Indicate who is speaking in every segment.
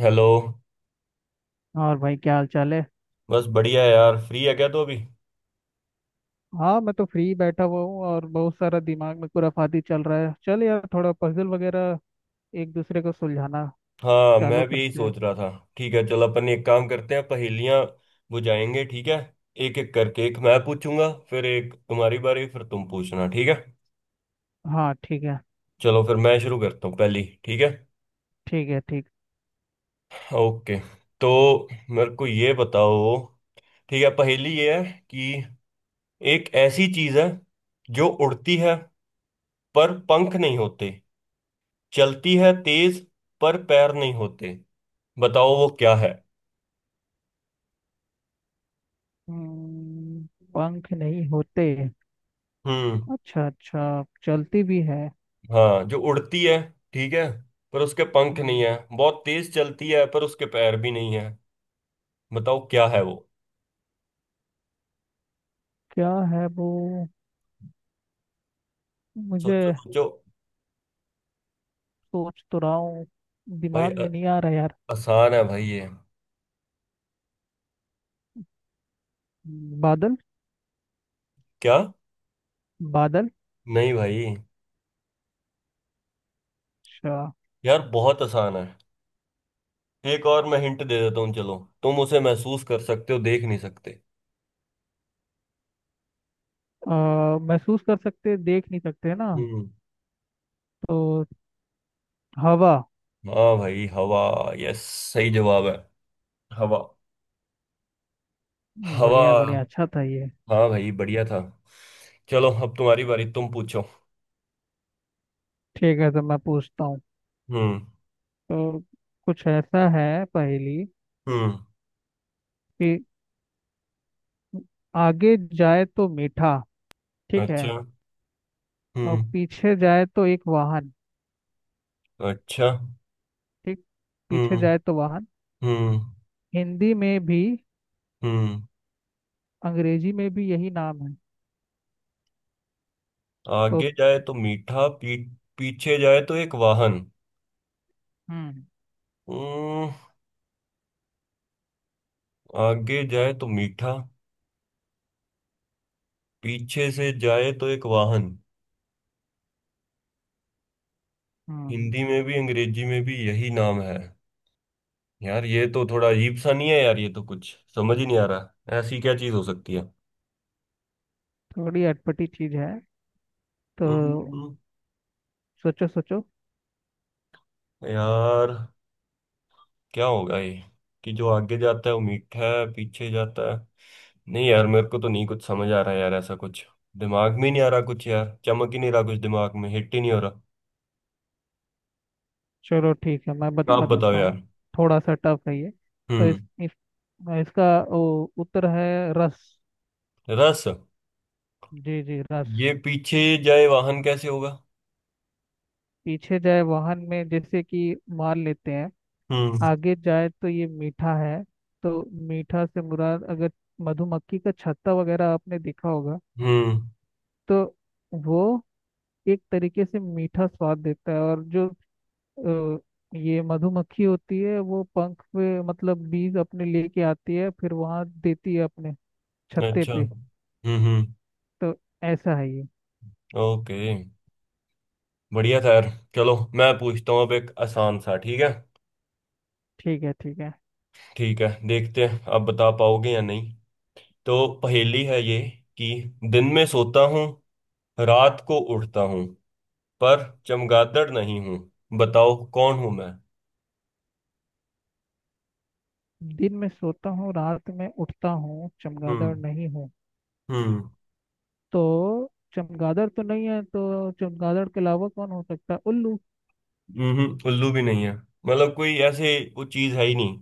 Speaker 1: Hello.
Speaker 2: और भाई, क्या हाल चाल है?
Speaker 1: बस बढ़िया है यार। फ्री है क्या तो अभी?
Speaker 2: हाँ, मैं तो फ्री बैठा हुआ हूँ और बहुत सारा दिमाग में खुराफाती चल रहा है। चल यार, थोड़ा पजल वगैरह एक दूसरे को सुलझाना
Speaker 1: हाँ
Speaker 2: चालू
Speaker 1: मैं भी यही
Speaker 2: करते हैं।
Speaker 1: सोच रहा था। ठीक है, चल अपन एक काम करते हैं, पहेलियां बुझाएंगे, ठीक है? एक एक करके, एक मैं पूछूंगा, फिर एक तुम्हारी बारी, फिर तुम पूछना, ठीक है?
Speaker 2: हाँ, ठीक है,
Speaker 1: चलो फिर मैं शुरू करता हूँ पहली, ठीक है?
Speaker 2: ठीक है, ठीक।
Speaker 1: ओके। तो मेरे को ये बताओ, ठीक है पहेली ये है कि एक ऐसी चीज है जो उड़ती है पर पंख नहीं होते, चलती है तेज पर पैर नहीं होते, बताओ वो क्या है।
Speaker 2: हम्म, पंख नहीं होते।
Speaker 1: हम्म।
Speaker 2: अच्छा, अच्छा, चलती भी है?
Speaker 1: हाँ जो उड़ती है, ठीक है, पर उसके पंख नहीं
Speaker 2: हम्म,
Speaker 1: है। बहुत तेज चलती है पर उसके पैर भी नहीं है, बताओ क्या है वो।
Speaker 2: क्या है वो मुझे।
Speaker 1: सोचो सोचो।
Speaker 2: सोच तो रहा हूँ,
Speaker 1: भाई
Speaker 2: दिमाग
Speaker 1: अ-
Speaker 2: में नहीं आ रहा यार।
Speaker 1: आसान है भाई ये।
Speaker 2: बादल।
Speaker 1: क्या?
Speaker 2: बादल।
Speaker 1: नहीं भाई।
Speaker 2: अच्छा।
Speaker 1: यार बहुत आसान है, एक और मैं हिंट दे देता हूँ चलो। तुम उसे महसूस कर सकते हो, देख नहीं सकते।
Speaker 2: महसूस कर सकते, देख नहीं सकते ना?
Speaker 1: हम्म।
Speaker 2: तो हवा।
Speaker 1: हाँ भाई हवा। यस सही जवाब है, हवा। हवा।
Speaker 2: बढ़िया, बढ़िया, अच्छा था ये।
Speaker 1: हाँ भाई बढ़िया था। चलो अब तुम्हारी बारी, तुम पूछो।
Speaker 2: ठीक है, तो मैं पूछता हूँ।
Speaker 1: हम्म।
Speaker 2: तो कुछ ऐसा है पहेली
Speaker 1: हम्म।
Speaker 2: कि आगे जाए तो मीठा। ठीक है,
Speaker 1: अच्छा।
Speaker 2: और
Speaker 1: हम्म।
Speaker 2: पीछे जाए तो एक वाहन।
Speaker 1: अच्छा।
Speaker 2: ठीक, पीछे
Speaker 1: हम्म।
Speaker 2: जाए तो वाहन।
Speaker 1: हम्म।
Speaker 2: हिंदी में भी
Speaker 1: हम्म।
Speaker 2: अंग्रेजी में भी यही नाम है। तो,
Speaker 1: आगे जाए तो मीठा, पी। पीछे जाए तो एक वाहन।
Speaker 2: हम्म,
Speaker 1: हम्म। आगे जाए तो मीठा, पीछे से जाए तो एक वाहन।
Speaker 2: हम्म।
Speaker 1: हिंदी में भी अंग्रेजी में भी यही नाम है। यार ये तो थोड़ा अजीब सा नहीं है, यार ये तो कुछ समझ ही नहीं आ रहा, ऐसी क्या चीज हो सकती है।
Speaker 2: थोड़ी अटपटी चीज है। तो
Speaker 1: हम्म।
Speaker 2: सोचो, सोचो।
Speaker 1: यार क्या होगा ये, कि जो आगे जाता है वो मीठा है, पीछे जाता है। नहीं यार, मेरे को तो नहीं कुछ समझ आ रहा यार, ऐसा कुछ दिमाग में ही नहीं आ रहा कुछ, यार चमक ही नहीं रहा कुछ दिमाग में, हिट ही नहीं हो रहा।
Speaker 2: चलो ठीक है, मैं
Speaker 1: आप
Speaker 2: बता
Speaker 1: बताओ
Speaker 2: देता हूँ।
Speaker 1: यार।
Speaker 2: थोड़ा सा टफ है ये। तो इस,
Speaker 1: हम्म।
Speaker 2: इस इसका उत्तर है रस।
Speaker 1: रस।
Speaker 2: जी, जी, रस।
Speaker 1: ये पीछे जाए वाहन कैसे होगा?
Speaker 2: पीछे जाए वाहन में जैसे कि मान लेते हैं
Speaker 1: हम्म।
Speaker 2: आगे जाए तो ये मीठा है। तो मीठा से मुराद, अगर मधुमक्खी का छत्ता वगैरह आपने देखा होगा।
Speaker 1: हम्म।
Speaker 2: तो वो एक तरीके से मीठा स्वाद देता है, और जो अ, ये मधुमक्खी होती है, वो पंख पे मतलब बीज अपने लेके आती है, फिर वहां देती है अपने छत्ते
Speaker 1: अच्छा।
Speaker 2: पे।
Speaker 1: हम्म। हम्म।
Speaker 2: तो ऐसा है ये।
Speaker 1: ओके। बढ़िया था यार। चलो मैं पूछता हूँ अब, एक आसान सा, ठीक है?
Speaker 2: ठीक है, ठीक है।
Speaker 1: ठीक है, देखते हैं आप बता पाओगे या नहीं। तो पहेली है ये कि दिन में सोता हूँ, रात को उठता हूँ, पर चमगादड़ नहीं हूं, बताओ कौन हूं मैं।
Speaker 2: दिन में सोता हूँ, रात में उठता हूँ, चमगादड़
Speaker 1: हम्म।
Speaker 2: नहीं हूँ।
Speaker 1: हम्म।
Speaker 2: तो चमगादड़ तो नहीं है, तो चमगादड़ के अलावा कौन हो सकता है? उल्लू?
Speaker 1: उल्लू भी नहीं है, मतलब कोई ऐसे वो चीज है ही नहीं।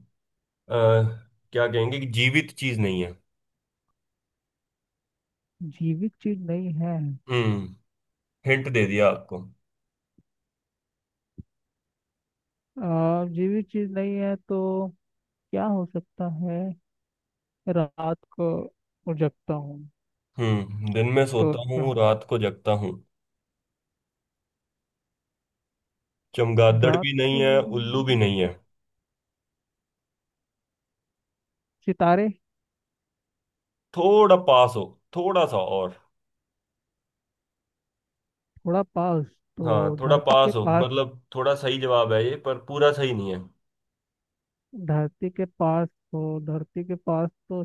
Speaker 1: अ, क्या कहेंगे कि जीवित चीज नहीं है।
Speaker 2: जीवित चीज नहीं है?
Speaker 1: हम्म। हिंट दे दिया आपको।
Speaker 2: जीवित चीज नहीं है तो क्या हो सकता है? रात को उजगता हूँ।
Speaker 1: दिन में
Speaker 2: तो
Speaker 1: सोता
Speaker 2: क्या
Speaker 1: हूँ रात को जगता हूँ, चमगादड़
Speaker 2: रात
Speaker 1: भी नहीं
Speaker 2: को-
Speaker 1: है, उल्लू भी नहीं है।
Speaker 2: सितारे?
Speaker 1: थोड़ा पास हो, थोड़ा सा और।
Speaker 2: थोड़ा पास,
Speaker 1: हाँ
Speaker 2: तो
Speaker 1: थोड़ा
Speaker 2: धरती के
Speaker 1: पास हो,
Speaker 2: पास।
Speaker 1: मतलब थोड़ा सही जवाब है ये, पर पूरा सही नहीं है।
Speaker 2: धरती के पास, तो धरती के पास, तो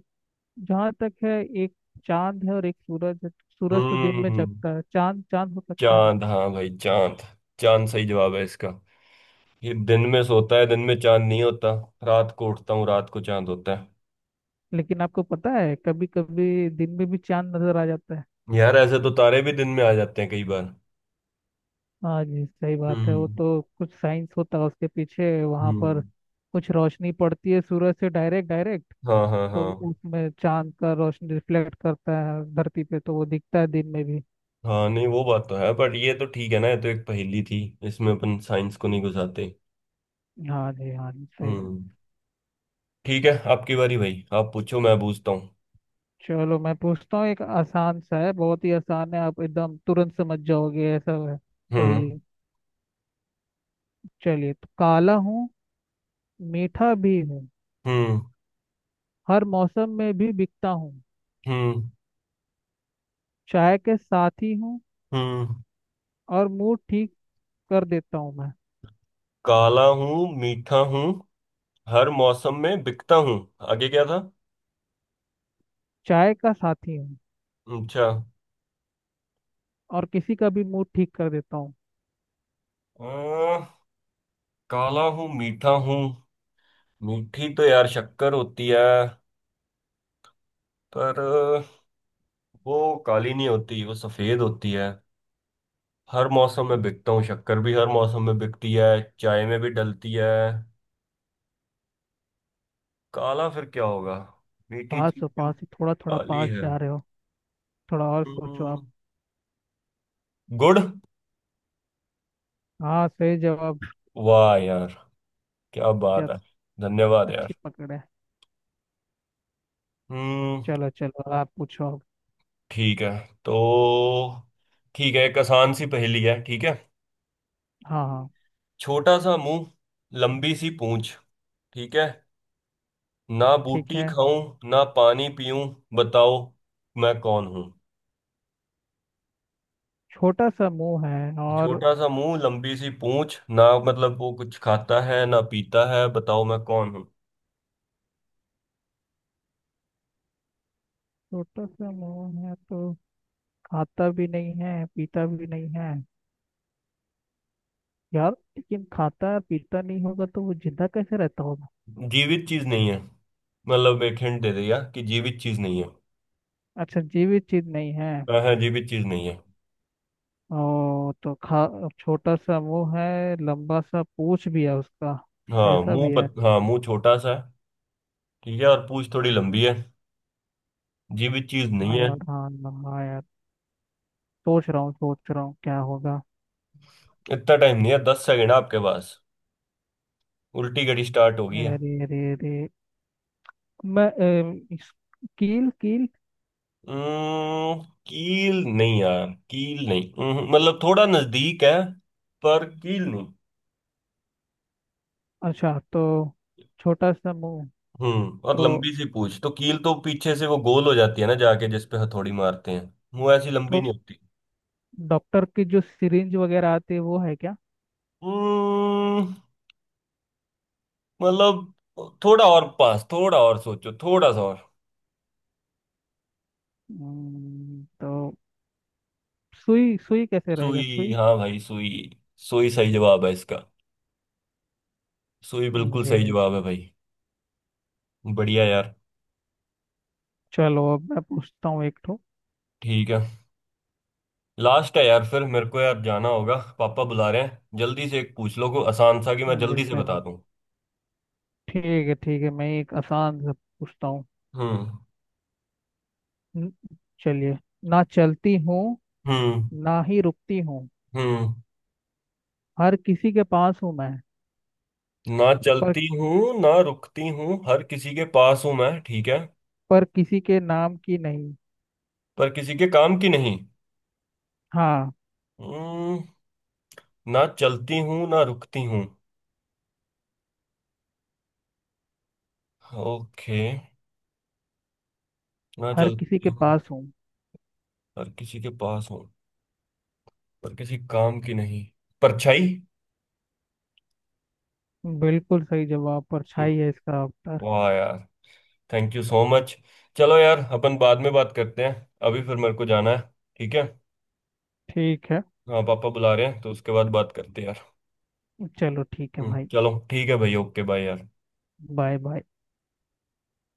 Speaker 2: जहाँ तक है, एक चांद है और एक सूरज है। सूरज तो दिन में
Speaker 1: हम्म।
Speaker 2: जगता है, चांद, चांद हो सकता है।
Speaker 1: चांद, हाँ भाई चांद। चांद सही जवाब है इसका, कि दिन में सोता है, दिन में चांद नहीं होता, रात को उठता हूँ, रात को चांद होता है।
Speaker 2: लेकिन आपको पता है, कभी कभी दिन में भी चांद नजर आ जाता है।
Speaker 1: यार ऐसे तो तारे भी दिन में आ जाते हैं कई बार।
Speaker 2: हाँ जी, सही बात है, वो
Speaker 1: हम्म।
Speaker 2: तो कुछ साइंस होता है उसके पीछे वहां पर।
Speaker 1: हम्म।
Speaker 2: कुछ रोशनी पड़ती है सूरज से, डायरेक्ट डायरेक्ट।
Speaker 1: हाँ हाँ
Speaker 2: तो
Speaker 1: हाँ।
Speaker 2: उसमें चांद का रोशनी रिफ्लेक्ट करता है धरती पे, तो वो दिखता है दिन में भी।
Speaker 1: हाँ नहीं वो बात तो है बट ये तो ठीक है ना, ये तो एक पहेली थी, इसमें अपन साइंस को नहीं घुसाते।
Speaker 2: हाँ जी, हाँ जी, सही बात।
Speaker 1: हम्म। ठीक है आपकी बारी भाई, आप पूछो, मैं पूछता हूँ।
Speaker 2: चलो मैं पूछता हूँ, एक आसान सा है, बहुत ही आसान है, आप एकदम तुरंत समझ जाओगे, ऐसा है पहेली।
Speaker 1: हम्म।
Speaker 2: चलिए, तो काला हूँ, मीठा भी हूँ,
Speaker 1: हम्म।
Speaker 2: हर मौसम में भी बिकता हूँ,
Speaker 1: हम्म।
Speaker 2: चाय के साथी हूँ,
Speaker 1: हम्म।
Speaker 2: और मूड ठीक कर देता हूँ मैं।
Speaker 1: काला हूँ मीठा हूँ, हर मौसम में बिकता हूँ, आगे क्या था?
Speaker 2: चाय का साथी हूँ,
Speaker 1: अच्छा।
Speaker 2: और किसी का भी मूड ठीक कर देता हूँ।
Speaker 1: अ, काला हूँ मीठा हूँ। मीठी तो यार शक्कर होती है, पर वो काली नहीं होती, वो सफेद होती है। हर मौसम में बिकता हूँ, शक्कर भी हर मौसम में बिकती है, चाय में भी डलती है। काला फिर क्या होगा, मीठी
Speaker 2: पास
Speaker 1: चीज
Speaker 2: हो,
Speaker 1: जो
Speaker 2: पास ही, थोड़ा थोड़ा
Speaker 1: काली
Speaker 2: पास
Speaker 1: है।
Speaker 2: जा रहे हो। थोड़ा और सोचो आप।
Speaker 1: हम्म, गुड़।
Speaker 2: हाँ, सही जवाब।
Speaker 1: वाह यार, क्या
Speaker 2: क्या?
Speaker 1: बात है। धन्यवाद
Speaker 2: अच्छी
Speaker 1: यार।
Speaker 2: पकड़ है।
Speaker 1: हम्म।
Speaker 2: चलो, चलो आप पूछो अब।
Speaker 1: ठीक है, तो ठीक है, एक आसान सी पहेली है, ठीक है?
Speaker 2: हाँ, हाँ।
Speaker 1: छोटा सा मुंह, लंबी सी पूंछ, ठीक है? ना
Speaker 2: ठीक
Speaker 1: बूटी
Speaker 2: है।
Speaker 1: खाऊं ना पानी पीऊं, बताओ मैं कौन हूं।
Speaker 2: छोटा सा मुंह है, और
Speaker 1: छोटा सा मुंह लंबी सी पूंछ, ना मतलब वो कुछ खाता है ना पीता है, बताओ मैं कौन हूं।
Speaker 2: छोटा सा मुंह है, तो खाता भी नहीं है, पीता भी नहीं है यार। लेकिन खाता पीता नहीं होगा तो वो जिंदा कैसे रहता होगा?
Speaker 1: जीवित चीज नहीं है, मतलब एक हिंट दे दिया कि जीवित चीज नहीं है।
Speaker 2: अच्छा, जीवित चीज नहीं है।
Speaker 1: हाँ हाँ, जीवित चीज नहीं है।
Speaker 2: ओ, तो खा, छोटा सा वो है, लंबा सा पूंछ भी है उसका,
Speaker 1: हाँ
Speaker 2: ऐसा
Speaker 1: मुंह
Speaker 2: भी है?
Speaker 1: पत हाँ मुंह छोटा सा है। ठीक है, और पूंछ थोड़ी लंबी है, जीवित चीज
Speaker 2: हाँ
Speaker 1: नहीं है।
Speaker 2: यार, हाँ, हाँ, हाँ यार। सोच रहा हूँ, सोच रहा हूँ क्या होगा।
Speaker 1: इतना टाइम नहीं है, 10 सेकंड आपके पास, उल्टी घड़ी स्टार्ट होगी।
Speaker 2: अरे, अरे, अरे। मैं कील, कील।
Speaker 1: अम्म, कील नहीं यार, कील नहीं। मतलब थोड़ा नजदीक है पर कील नहीं।
Speaker 2: अच्छा, तो छोटा सा मुंह,
Speaker 1: और
Speaker 2: तो
Speaker 1: लंबी सी पूछ, तो कील तो पीछे से वो गोल हो जाती है ना जाके, जिस पे हथौड़ी मारते हैं, वो ऐसी लंबी
Speaker 2: तो
Speaker 1: नहीं होती।
Speaker 2: डॉक्टर की जो सिरिंज वगैरह आती है, वो है क्या?
Speaker 1: अम्म, मतलब थोड़ा और पास, थोड़ा और सोचो, थोड़ा सा और।
Speaker 2: तो सुई, सुई कैसे रहेगा?
Speaker 1: सुई,
Speaker 2: सुई?
Speaker 1: हाँ भाई सुई। सुई सही जवाब है इसका, सुई बिल्कुल
Speaker 2: अरे,
Speaker 1: सही
Speaker 2: अरे।
Speaker 1: जवाब है भाई। बढ़िया यार।
Speaker 2: चलो, अब मैं पूछता हूँ एक ठो।
Speaker 1: ठीक है, लास्ट है यार, फिर मेरे को यार जाना होगा, पापा बुला रहे हैं, जल्दी से एक पूछ लो को आसान सा कि मैं जल्दी से
Speaker 2: बिल्कुल।
Speaker 1: बता दूं।
Speaker 2: ठीक है, ठीक है, मैं एक आसान सा पूछता हूँ।
Speaker 1: हम्म।
Speaker 2: न- चलिए, ना चलती हूँ,
Speaker 1: हम्म।
Speaker 2: ना ही रुकती हूँ,
Speaker 1: हम्म।
Speaker 2: हर किसी के पास हूँ मैं।
Speaker 1: ना
Speaker 2: पर
Speaker 1: चलती हूँ ना रुकती हूँ, हर किसी के पास हूँ मैं, ठीक है।
Speaker 2: पर किसी के नाम की नहीं।
Speaker 1: पर किसी के काम की नहीं।
Speaker 2: हाँ।
Speaker 1: हम्म। ना चलती हूँ ना रुकती हूँ। ओके। ना
Speaker 2: हर किसी
Speaker 1: चलती
Speaker 2: के पास
Speaker 1: हूँ,
Speaker 2: हूँ।
Speaker 1: हर किसी के पास हूँ, पर किसी काम की नहीं। परछाई।
Speaker 2: बिल्कुल सही जवाब, परछाई है इसका उत्तर।
Speaker 1: वाह यार, थैंक यू सो मच। चलो यार अपन बाद में बात करते हैं, अभी फिर मेरे को जाना है, ठीक है।
Speaker 2: ठीक है।
Speaker 1: हाँ पापा बुला रहे हैं तो उसके बाद बात करते हैं यार।
Speaker 2: चलो ठीक है भाई।
Speaker 1: चलो ठीक है भाई, ओके बाय यार।
Speaker 2: Bye, bye.